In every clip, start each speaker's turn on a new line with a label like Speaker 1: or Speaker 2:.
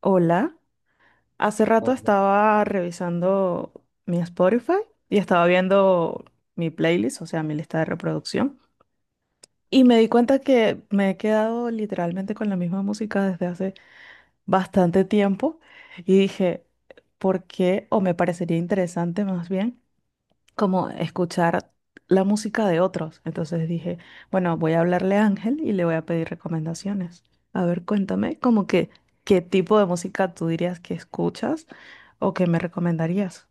Speaker 1: Hola, hace rato
Speaker 2: Oh, ya.
Speaker 1: estaba revisando mi Spotify y estaba viendo mi playlist, o sea, mi lista de reproducción, y me di cuenta que me he quedado literalmente con la misma música desde hace bastante tiempo y dije, ¿por qué? O me parecería interesante más bien como escuchar la música de otros. Entonces dije, bueno, voy a hablarle a Ángel y le voy a pedir recomendaciones. A ver, cuéntame, como que, ¿qué tipo de música tú dirías que escuchas o que me recomendarías?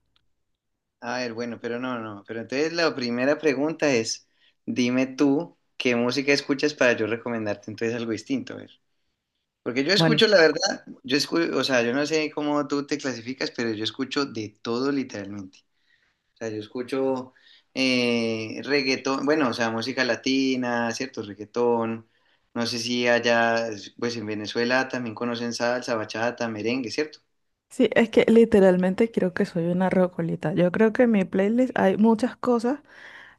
Speaker 2: A ver, bueno, pero no, no. Pero entonces la primera pregunta es, dime tú qué música escuchas para yo recomendarte entonces algo distinto, a ver. Porque yo
Speaker 1: Bueno,
Speaker 2: escucho, la verdad, yo escucho, o sea, yo no sé cómo tú te clasificas, pero yo escucho de todo literalmente. O sea, yo escucho reggaetón, bueno, o sea, música latina, cierto, reggaetón. No sé si allá, pues en Venezuela también conocen salsa, bachata, merengue, ¿cierto?
Speaker 1: sí, es que literalmente creo que soy una rocolita. Yo creo que en mi playlist hay muchas cosas.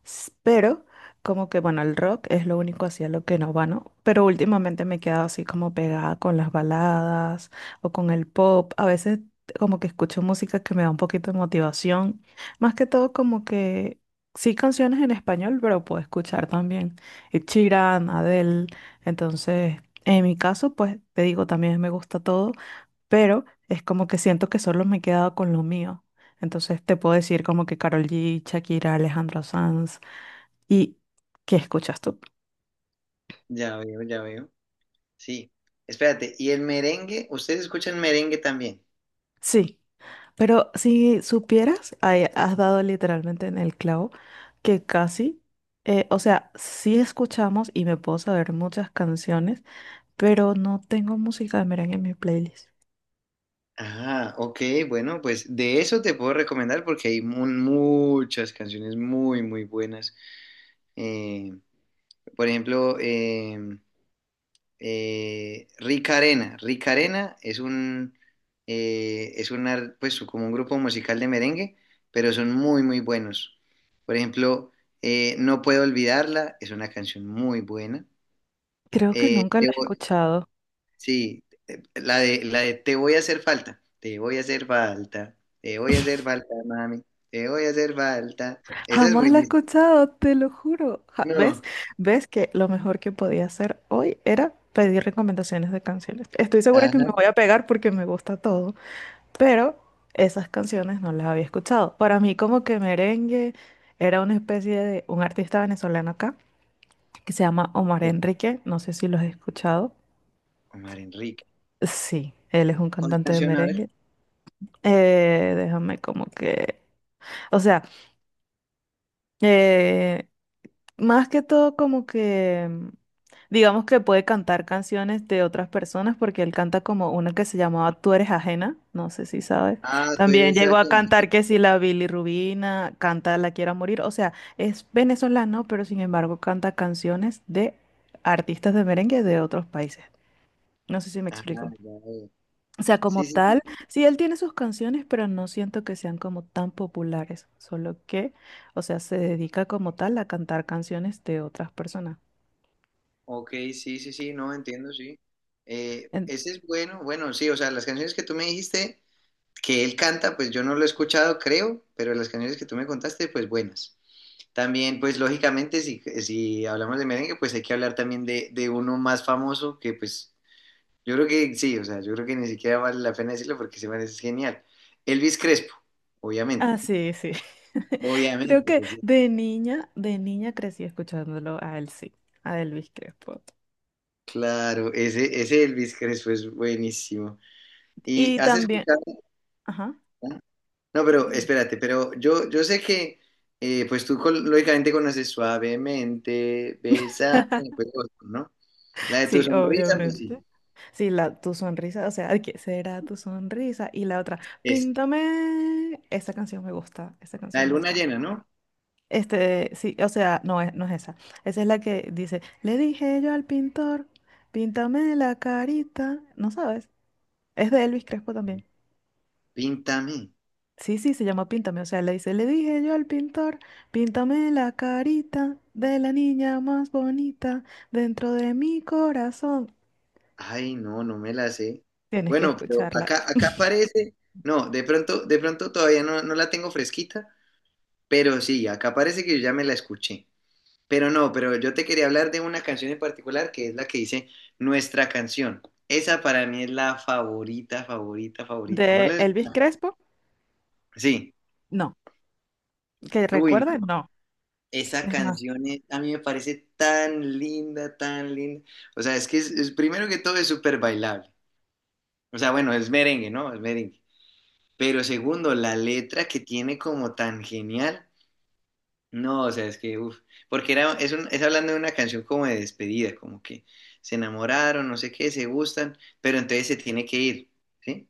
Speaker 1: Pero como que, bueno, el rock es lo único hacia lo que no va, ¿no? Pero últimamente me he quedado así como pegada con las baladas o con el pop. A veces como que escucho música que me da un poquito de motivación. Más que todo como que sí canciones en español, pero puedo escuchar también Ed Sheeran, Adele. Entonces, en mi caso, pues te digo, también me gusta todo, pero es como que siento que solo me he quedado con lo mío. Entonces te puedo decir como que Karol G, Shakira, Alejandro Sanz, ¿y qué escuchas tú?
Speaker 2: Ya veo, ya veo. Sí, espérate, ¿y el merengue? ¿Ustedes escuchan merengue también?
Speaker 1: Sí, pero si supieras, ahí has dado literalmente en el clavo que casi, o sea, sí escuchamos y me puedo saber muchas canciones, pero no tengo música de merengue en mi playlist.
Speaker 2: Ah, ok, bueno, pues de eso te puedo recomendar porque hay muchas canciones muy, muy buenas. Eh, por ejemplo, Rica Arena. Rica Arena es es una, pues como un grupo musical de merengue, pero son muy, muy buenos. Por ejemplo, No Puedo Olvidarla es una canción muy buena.
Speaker 1: Creo que
Speaker 2: Eh,
Speaker 1: nunca la he
Speaker 2: debo,
Speaker 1: escuchado.
Speaker 2: Sí, la de te voy a hacer falta, te voy a hacer falta, te voy a hacer falta, mami, te voy a hacer falta. Esa es
Speaker 1: Jamás la he
Speaker 2: buenísima.
Speaker 1: escuchado, te lo juro. ¿Ves?
Speaker 2: No.
Speaker 1: ¿Ves que lo mejor que podía hacer hoy era pedir recomendaciones de canciones? Estoy segura que me
Speaker 2: Ajá.
Speaker 1: voy a pegar porque me gusta todo, pero esas canciones no las había escuchado. Para mí como que merengue era una especie de un artista venezolano acá que se llama Omar
Speaker 2: De
Speaker 1: Enrique, no sé si lo has escuchado.
Speaker 2: Omar Enrique.
Speaker 1: Sí, él es un
Speaker 2: ¿Cuál
Speaker 1: cantante de
Speaker 2: canción? A ver.
Speaker 1: merengue. Déjame como que, o sea, eh, más que todo como que, digamos que puede cantar canciones de otras personas porque él canta como una que se llamaba Tú eres ajena, no sé si sabes.
Speaker 2: Ah, tú
Speaker 1: También
Speaker 2: eres la.
Speaker 1: llegó a cantar que si la Rubina canta La quiera morir, o sea, es venezolano, pero sin embargo canta canciones de artistas de merengue de otros países. No sé si me
Speaker 2: Ah, ya
Speaker 1: explico.
Speaker 2: veo.
Speaker 1: O sea,
Speaker 2: Sí,
Speaker 1: como
Speaker 2: sí, sí.
Speaker 1: tal, sí, él tiene sus canciones, pero no siento que sean como tan populares, solo que, o sea, se dedica como tal a cantar canciones de otras personas.
Speaker 2: Ok, sí, sí, sí, no, entiendo, sí.
Speaker 1: En-
Speaker 2: Ese es bueno, bueno, sí, o sea, las canciones que tú me dijiste que él canta, pues yo no lo he escuchado, creo, pero las canciones que tú me contaste, pues buenas. También, pues lógicamente, si hablamos de merengue, pues hay que hablar también de uno más famoso que pues yo creo que sí, o sea, yo creo que ni siquiera vale la pena decirlo porque se man es genial. Elvis Crespo,
Speaker 1: Ah,
Speaker 2: obviamente, ¿no?
Speaker 1: sí, sí. Creo
Speaker 2: Obviamente,
Speaker 1: que
Speaker 2: pues, sí.
Speaker 1: de niña crecí escuchándolo a él, sí, a Elvis Crespo.
Speaker 2: Claro, ese Elvis Crespo es buenísimo. ¿Y
Speaker 1: Y
Speaker 2: has
Speaker 1: también,
Speaker 2: escuchado?
Speaker 1: ajá.
Speaker 2: ¿Ah? No, pero
Speaker 1: Dime.
Speaker 2: espérate, pero yo sé que pues lógicamente conoces suavemente, besa, pues, ¿no? La de tu
Speaker 1: Sí,
Speaker 2: sonrisa, pues
Speaker 1: obviamente.
Speaker 2: sí,
Speaker 1: Sí, la, tu sonrisa, o sea, ¿de qué será tu sonrisa? Y la otra,
Speaker 2: es.
Speaker 1: píntame. Esa canción me gusta, esa
Speaker 2: La de
Speaker 1: canción me
Speaker 2: luna
Speaker 1: gusta.
Speaker 2: llena, ¿no?
Speaker 1: Este, sí, o sea, no es, no es esa. Esa es la que dice, le dije yo al pintor, píntame la carita. ¿No sabes? Es de Elvis Crespo también.
Speaker 2: Píntame.
Speaker 1: Sí, sí, se llama Píntame. O sea, le dice, le dije yo al pintor, píntame la carita de la niña más bonita dentro de mi corazón.
Speaker 2: Ay, no, no me la sé.
Speaker 1: Tienes que
Speaker 2: Bueno, pero
Speaker 1: escucharla.
Speaker 2: acá, acá parece, no, de pronto todavía no, no la tengo fresquita, pero sí, acá parece que yo ya me la escuché. Pero no, pero yo te quería hablar de una canción en particular que es la que dice Nuestra canción. Esa para mí es la favorita, favorita, favorita. ¿No
Speaker 1: ¿De
Speaker 2: la has
Speaker 1: Elvis
Speaker 2: escuchado?
Speaker 1: Crespo?
Speaker 2: Sí.
Speaker 1: No, que
Speaker 2: Uy,
Speaker 1: recuerda,
Speaker 2: no.
Speaker 1: no. Es más,
Speaker 2: A mí me parece tan linda, tan linda. O sea, es que es- primero que todo es súper bailable. O sea, bueno, es merengue, ¿no? Es merengue. Pero segundo, la letra que tiene como tan genial. No, o sea, es que, uff, porque es hablando de una canción como de despedida, como que se enamoraron, no sé qué, se gustan, pero entonces se tiene que ir, ¿sí?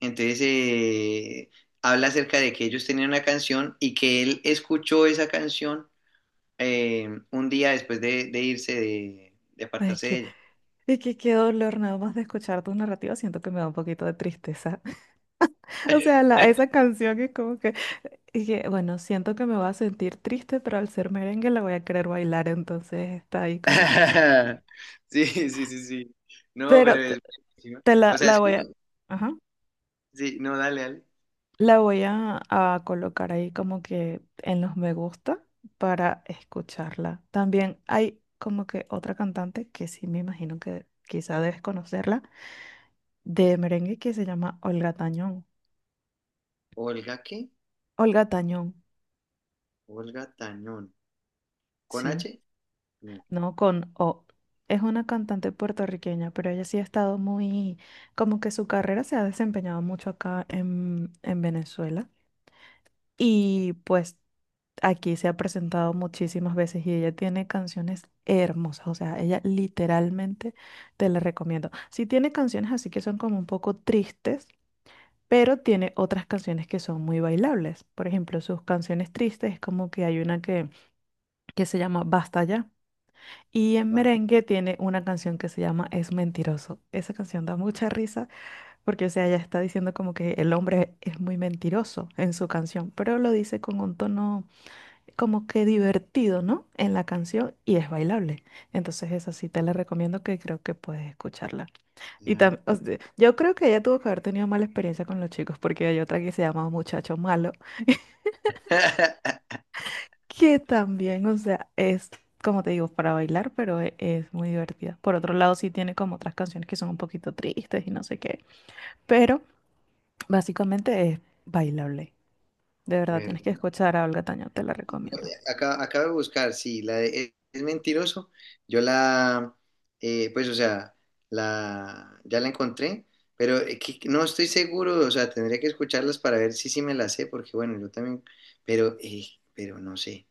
Speaker 2: Entonces habla acerca de que ellos tenían una canción y que él escuchó esa canción un día después de irse, de
Speaker 1: es
Speaker 2: apartarse de
Speaker 1: que,
Speaker 2: ella.
Speaker 1: es que qué dolor, nada más de escuchar tu narrativa, siento que me da un poquito de tristeza. O sea, la, esa canción es como que, y que, bueno, siento que me va a sentir triste, pero al ser merengue la voy a querer bailar, entonces está ahí como que...
Speaker 2: Sí, sí, sí, sí. No,
Speaker 1: Pero
Speaker 2: pero
Speaker 1: t-
Speaker 2: es... buenísimo.
Speaker 1: te
Speaker 2: O
Speaker 1: la,
Speaker 2: sea, es...
Speaker 1: la voy a... Ajá.
Speaker 2: Sí, no, dale, dale.
Speaker 1: La voy a colocar ahí como que en los me gusta para escucharla. También hay como que otra cantante que sí me imagino que quizá debes conocerla, de merengue que se llama Olga Tañón.
Speaker 2: Olga, ¿qué?
Speaker 1: Olga Tañón,
Speaker 2: Olga Tañón. ¿Con
Speaker 1: sí,
Speaker 2: H? No,
Speaker 1: no con O. Es una cantante puertorriqueña, pero ella sí ha estado muy, como que su carrera se ha desempeñado mucho acá en Venezuela. Y pues aquí se ha presentado muchísimas veces y ella tiene canciones hermosas, o sea, ella literalmente te la recomiendo. Sí tiene canciones así que son como un poco tristes, pero tiene otras canciones que son muy bailables. Por ejemplo, sus canciones tristes es como que hay una que se llama Basta ya. Y en
Speaker 2: va.
Speaker 1: merengue tiene una canción que se llama Es mentiroso. Esa canción da mucha risa porque, o sea, ella está diciendo como que el hombre es muy mentiroso en su canción, pero lo dice con un tono como que divertido, ¿no? En la canción y es bailable. Entonces esa sí te la recomiendo que creo que puedes escucharla. Y también, yo creo que ella tuvo que haber tenido mala experiencia con los chicos porque hay otra que se llama Muchacho Malo, que también, o sea, es, como te digo, para bailar, pero es muy divertida. Por otro lado, sí tiene como otras canciones que son un poquito tristes y no sé qué, pero básicamente es bailable. De verdad, tienes que
Speaker 2: ¿Verdad?
Speaker 1: escuchar a Olga Tañón, te la
Speaker 2: No,
Speaker 1: recomiendo.
Speaker 2: eh, Acá, acabo de buscar, sí, la de Es Mentiroso. Yo la, pues, o sea, ya la encontré, pero no estoy seguro, o sea, tendría que escucharlas para ver si sí me la sé, porque bueno, yo también, pero, eh, pero no sé,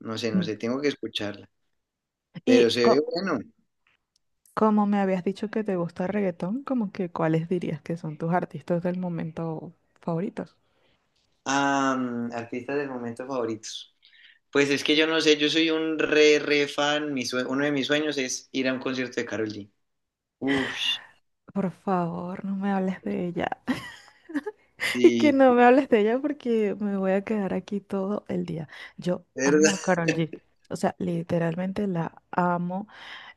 Speaker 2: no sé, no
Speaker 1: Mm.
Speaker 2: sé, tengo que escucharla, pero
Speaker 1: Y
Speaker 2: se ve
Speaker 1: co-
Speaker 2: bueno.
Speaker 1: Como me habías dicho que te gusta el reggaetón, como que ¿cuáles dirías que son tus artistas del momento favoritos?
Speaker 2: Ah, artistas del momento favoritos. Pues es que yo no sé, yo soy un re fan. Uno de mis sueños es ir a un concierto de Karol G. Uf,
Speaker 1: Por favor, no me hables de ella. Y que
Speaker 2: sí,
Speaker 1: no me hables de ella porque me voy a quedar aquí todo el día. Yo amo
Speaker 2: ¿verdad?
Speaker 1: a Karol G. O sea, literalmente la amo.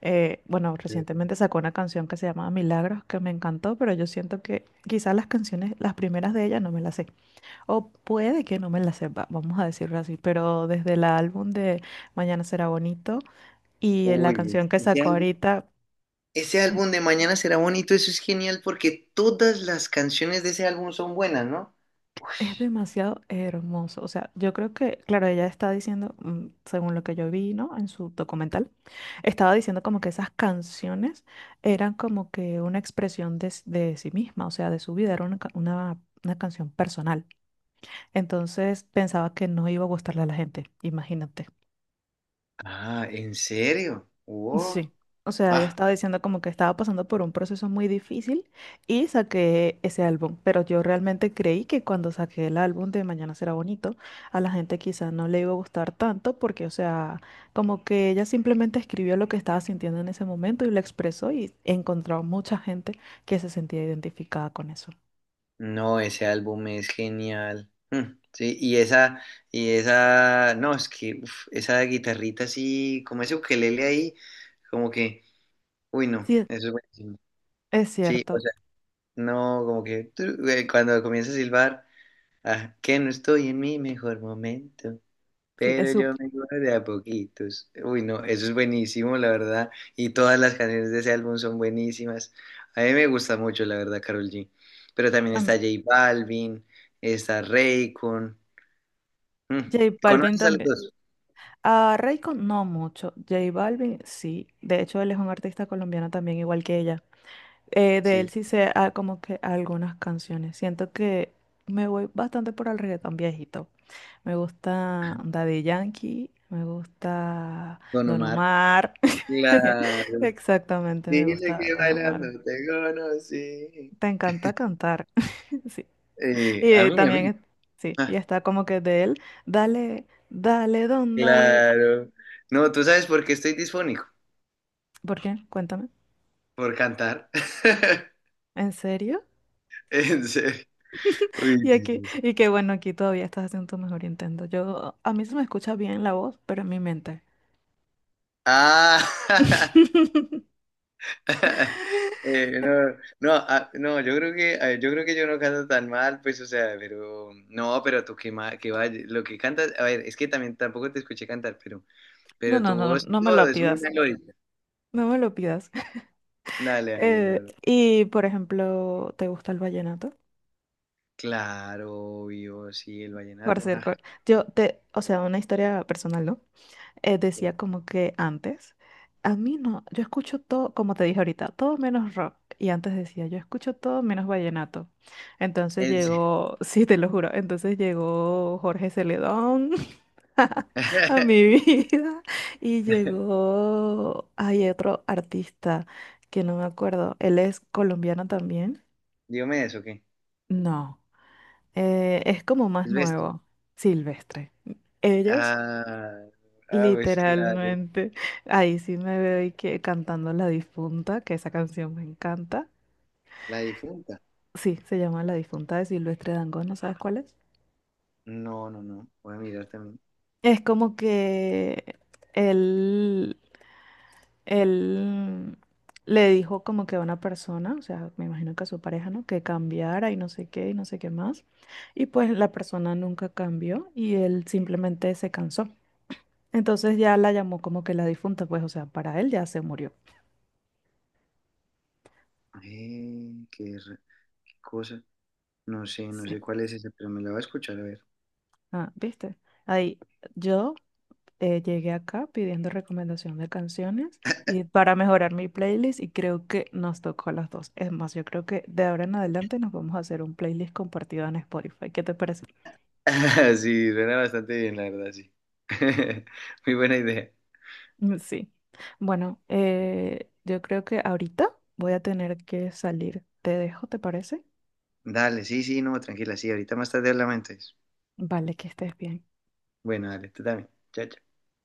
Speaker 1: Bueno, recientemente sacó una canción que se llama Milagros, que me encantó, pero yo siento que quizás las canciones, las primeras de ella no me las sé. O puede que no me la sepa, vamos a decirlo así, pero desde el álbum de Mañana será bonito y la
Speaker 2: Uy,
Speaker 1: canción que sacó ahorita
Speaker 2: ese álbum de Mañana será bonito, eso es genial porque todas las canciones de ese álbum son buenas, ¿no?
Speaker 1: es demasiado hermoso. O sea, yo creo que, claro, ella está diciendo, según lo que yo vi, ¿no? En su documental, estaba diciendo como que esas canciones eran como que una expresión de, de sí misma, o sea, de su vida, era una, una canción personal. Entonces pensaba que no iba a gustarle a la gente, imagínate.
Speaker 2: Ah, ¿en serio? Wow.
Speaker 1: Sí, o sea, ella
Speaker 2: Ah,
Speaker 1: estaba diciendo como que estaba pasando por un proceso muy difícil y saqué ese álbum, pero yo realmente creí que cuando saqué el álbum de Mañana será bonito, a la gente quizás no le iba a gustar tanto porque, o sea, como que ella simplemente escribió lo que estaba sintiendo en ese momento y lo expresó y encontró mucha gente que se sentía identificada con eso.
Speaker 2: no, ese álbum es genial. Mm, sí, y esa, no, es que uf, esa guitarrita así, como ese ukelele ahí, como que. Uy, no,
Speaker 1: Sí,
Speaker 2: eso es buenísimo.
Speaker 1: es
Speaker 2: Sí, o
Speaker 1: cierto,
Speaker 2: sea, no, como que cuando comienza a silbar, ah, que no estoy en mi mejor momento,
Speaker 1: sí, es
Speaker 2: pero
Speaker 1: su...
Speaker 2: yo me voy de a poquitos. Uy, no, eso es buenísimo, la verdad. Y todas las canciones de ese álbum son buenísimas. A mí me gusta mucho, la verdad, Karol G. Pero también está
Speaker 1: am-
Speaker 2: J Balvin, está Raycon. Mm,
Speaker 1: J Balvin
Speaker 2: ¿conoces a los
Speaker 1: también.
Speaker 2: dos?
Speaker 1: A Rayco no mucho, J Balvin sí, de hecho él es un artista colombiano también igual que ella. De él
Speaker 2: Sí,
Speaker 1: sí sé ah, como que algunas canciones, siento que me voy bastante por el reggaetón viejito. Me gusta Daddy Yankee, me gusta
Speaker 2: con
Speaker 1: Don
Speaker 2: Omar.
Speaker 1: Omar.
Speaker 2: Claro.
Speaker 1: Exactamente, me
Speaker 2: Dile
Speaker 1: gusta
Speaker 2: que
Speaker 1: Don Omar.
Speaker 2: bailando te conocí.
Speaker 1: Te encanta cantar, sí. Y
Speaker 2: A mí.
Speaker 1: también, sí, y
Speaker 2: Ah,
Speaker 1: está como que de él, dale, dale, don, dale.
Speaker 2: claro. No, ¿tú sabes por qué estoy disfónico?
Speaker 1: ¿Por qué? Cuéntame.
Speaker 2: Por cantar.
Speaker 1: ¿En serio?
Speaker 2: En serio. Uy,
Speaker 1: Y
Speaker 2: sí,
Speaker 1: aquí,
Speaker 2: sí, sí.
Speaker 1: y qué bueno, aquí todavía estás haciendo tu mejor intento. Yo, a mí se me escucha bien la voz, pero en mi mente.
Speaker 2: Ah. Eh, no, no, no, yo creo que, ah, yo creo que yo no canto tan mal, pues, o sea, pero, no, pero tú que vaya, lo que cantas, a ver, es que también tampoco te escuché cantar,
Speaker 1: No,
Speaker 2: pero
Speaker 1: no,
Speaker 2: tu
Speaker 1: no,
Speaker 2: voz y
Speaker 1: no me
Speaker 2: todo
Speaker 1: lo
Speaker 2: es muy
Speaker 1: pidas.
Speaker 2: melódica.
Speaker 1: No me lo pidas.
Speaker 2: Dale, dale, no, no.
Speaker 1: Y, por ejemplo, ¿te gusta el vallenato?
Speaker 2: Claro, obvio, sí, el
Speaker 1: Por
Speaker 2: vallenato,
Speaker 1: ser,
Speaker 2: ajá.
Speaker 1: yo te, o sea, una historia personal, ¿no?
Speaker 2: Sí.
Speaker 1: Decía como que antes, a mí no, yo escucho todo, como te dije ahorita, todo menos rock. Y antes decía, yo escucho todo menos vallenato. Entonces
Speaker 2: En serio.
Speaker 1: llegó, sí, te lo juro, entonces llegó Jorge Celedón a mi vida y llegó, hay otro artista que no me acuerdo, él es colombiano también.
Speaker 2: Diomedes, ¿o qué?
Speaker 1: No, es como más
Speaker 2: Silvestre.
Speaker 1: nuevo, Silvestre. Ellos
Speaker 2: Ah, ah, pues claro,
Speaker 1: literalmente. Ahí sí me veo y que cantando La Difunta, que esa canción me encanta.
Speaker 2: la difunta.
Speaker 1: Sí, se llama La Difunta de Silvestre Dangond, ¿no sabes cuál es?
Speaker 2: No, no, no. Voy a mirar también.
Speaker 1: Es como que él, él le dijo como que a una persona, o sea, me imagino que a su pareja, ¿no? Que cambiara y no sé qué y no sé qué más. Y pues la persona nunca cambió y él simplemente se cansó. Entonces ya la llamó como que la difunta, pues, o sea, para él ya se murió.
Speaker 2: Eh, qué, ra- qué cosa. No sé, no
Speaker 1: Sí.
Speaker 2: sé cuál es esa pero me la voy a escuchar a ver.
Speaker 1: Ah, ¿viste? Ahí, yo llegué acá pidiendo recomendación de canciones y para mejorar mi playlist y creo que nos tocó a las dos. Es más, yo creo que de ahora en adelante nos vamos a hacer un playlist compartido en Spotify. ¿Qué te parece?
Speaker 2: Sí, suena bastante bien, la verdad, sí. Muy buena idea.
Speaker 1: Mm, sí. Bueno, yo creo que ahorita voy a tener que salir. Te dejo, ¿te parece?
Speaker 2: Dale, sí, sí, no, tranquila, sí. Ahorita más tarde hablamos entonces.
Speaker 1: Vale, que estés bien.
Speaker 2: Bueno, dale, tú también. Chao, chao.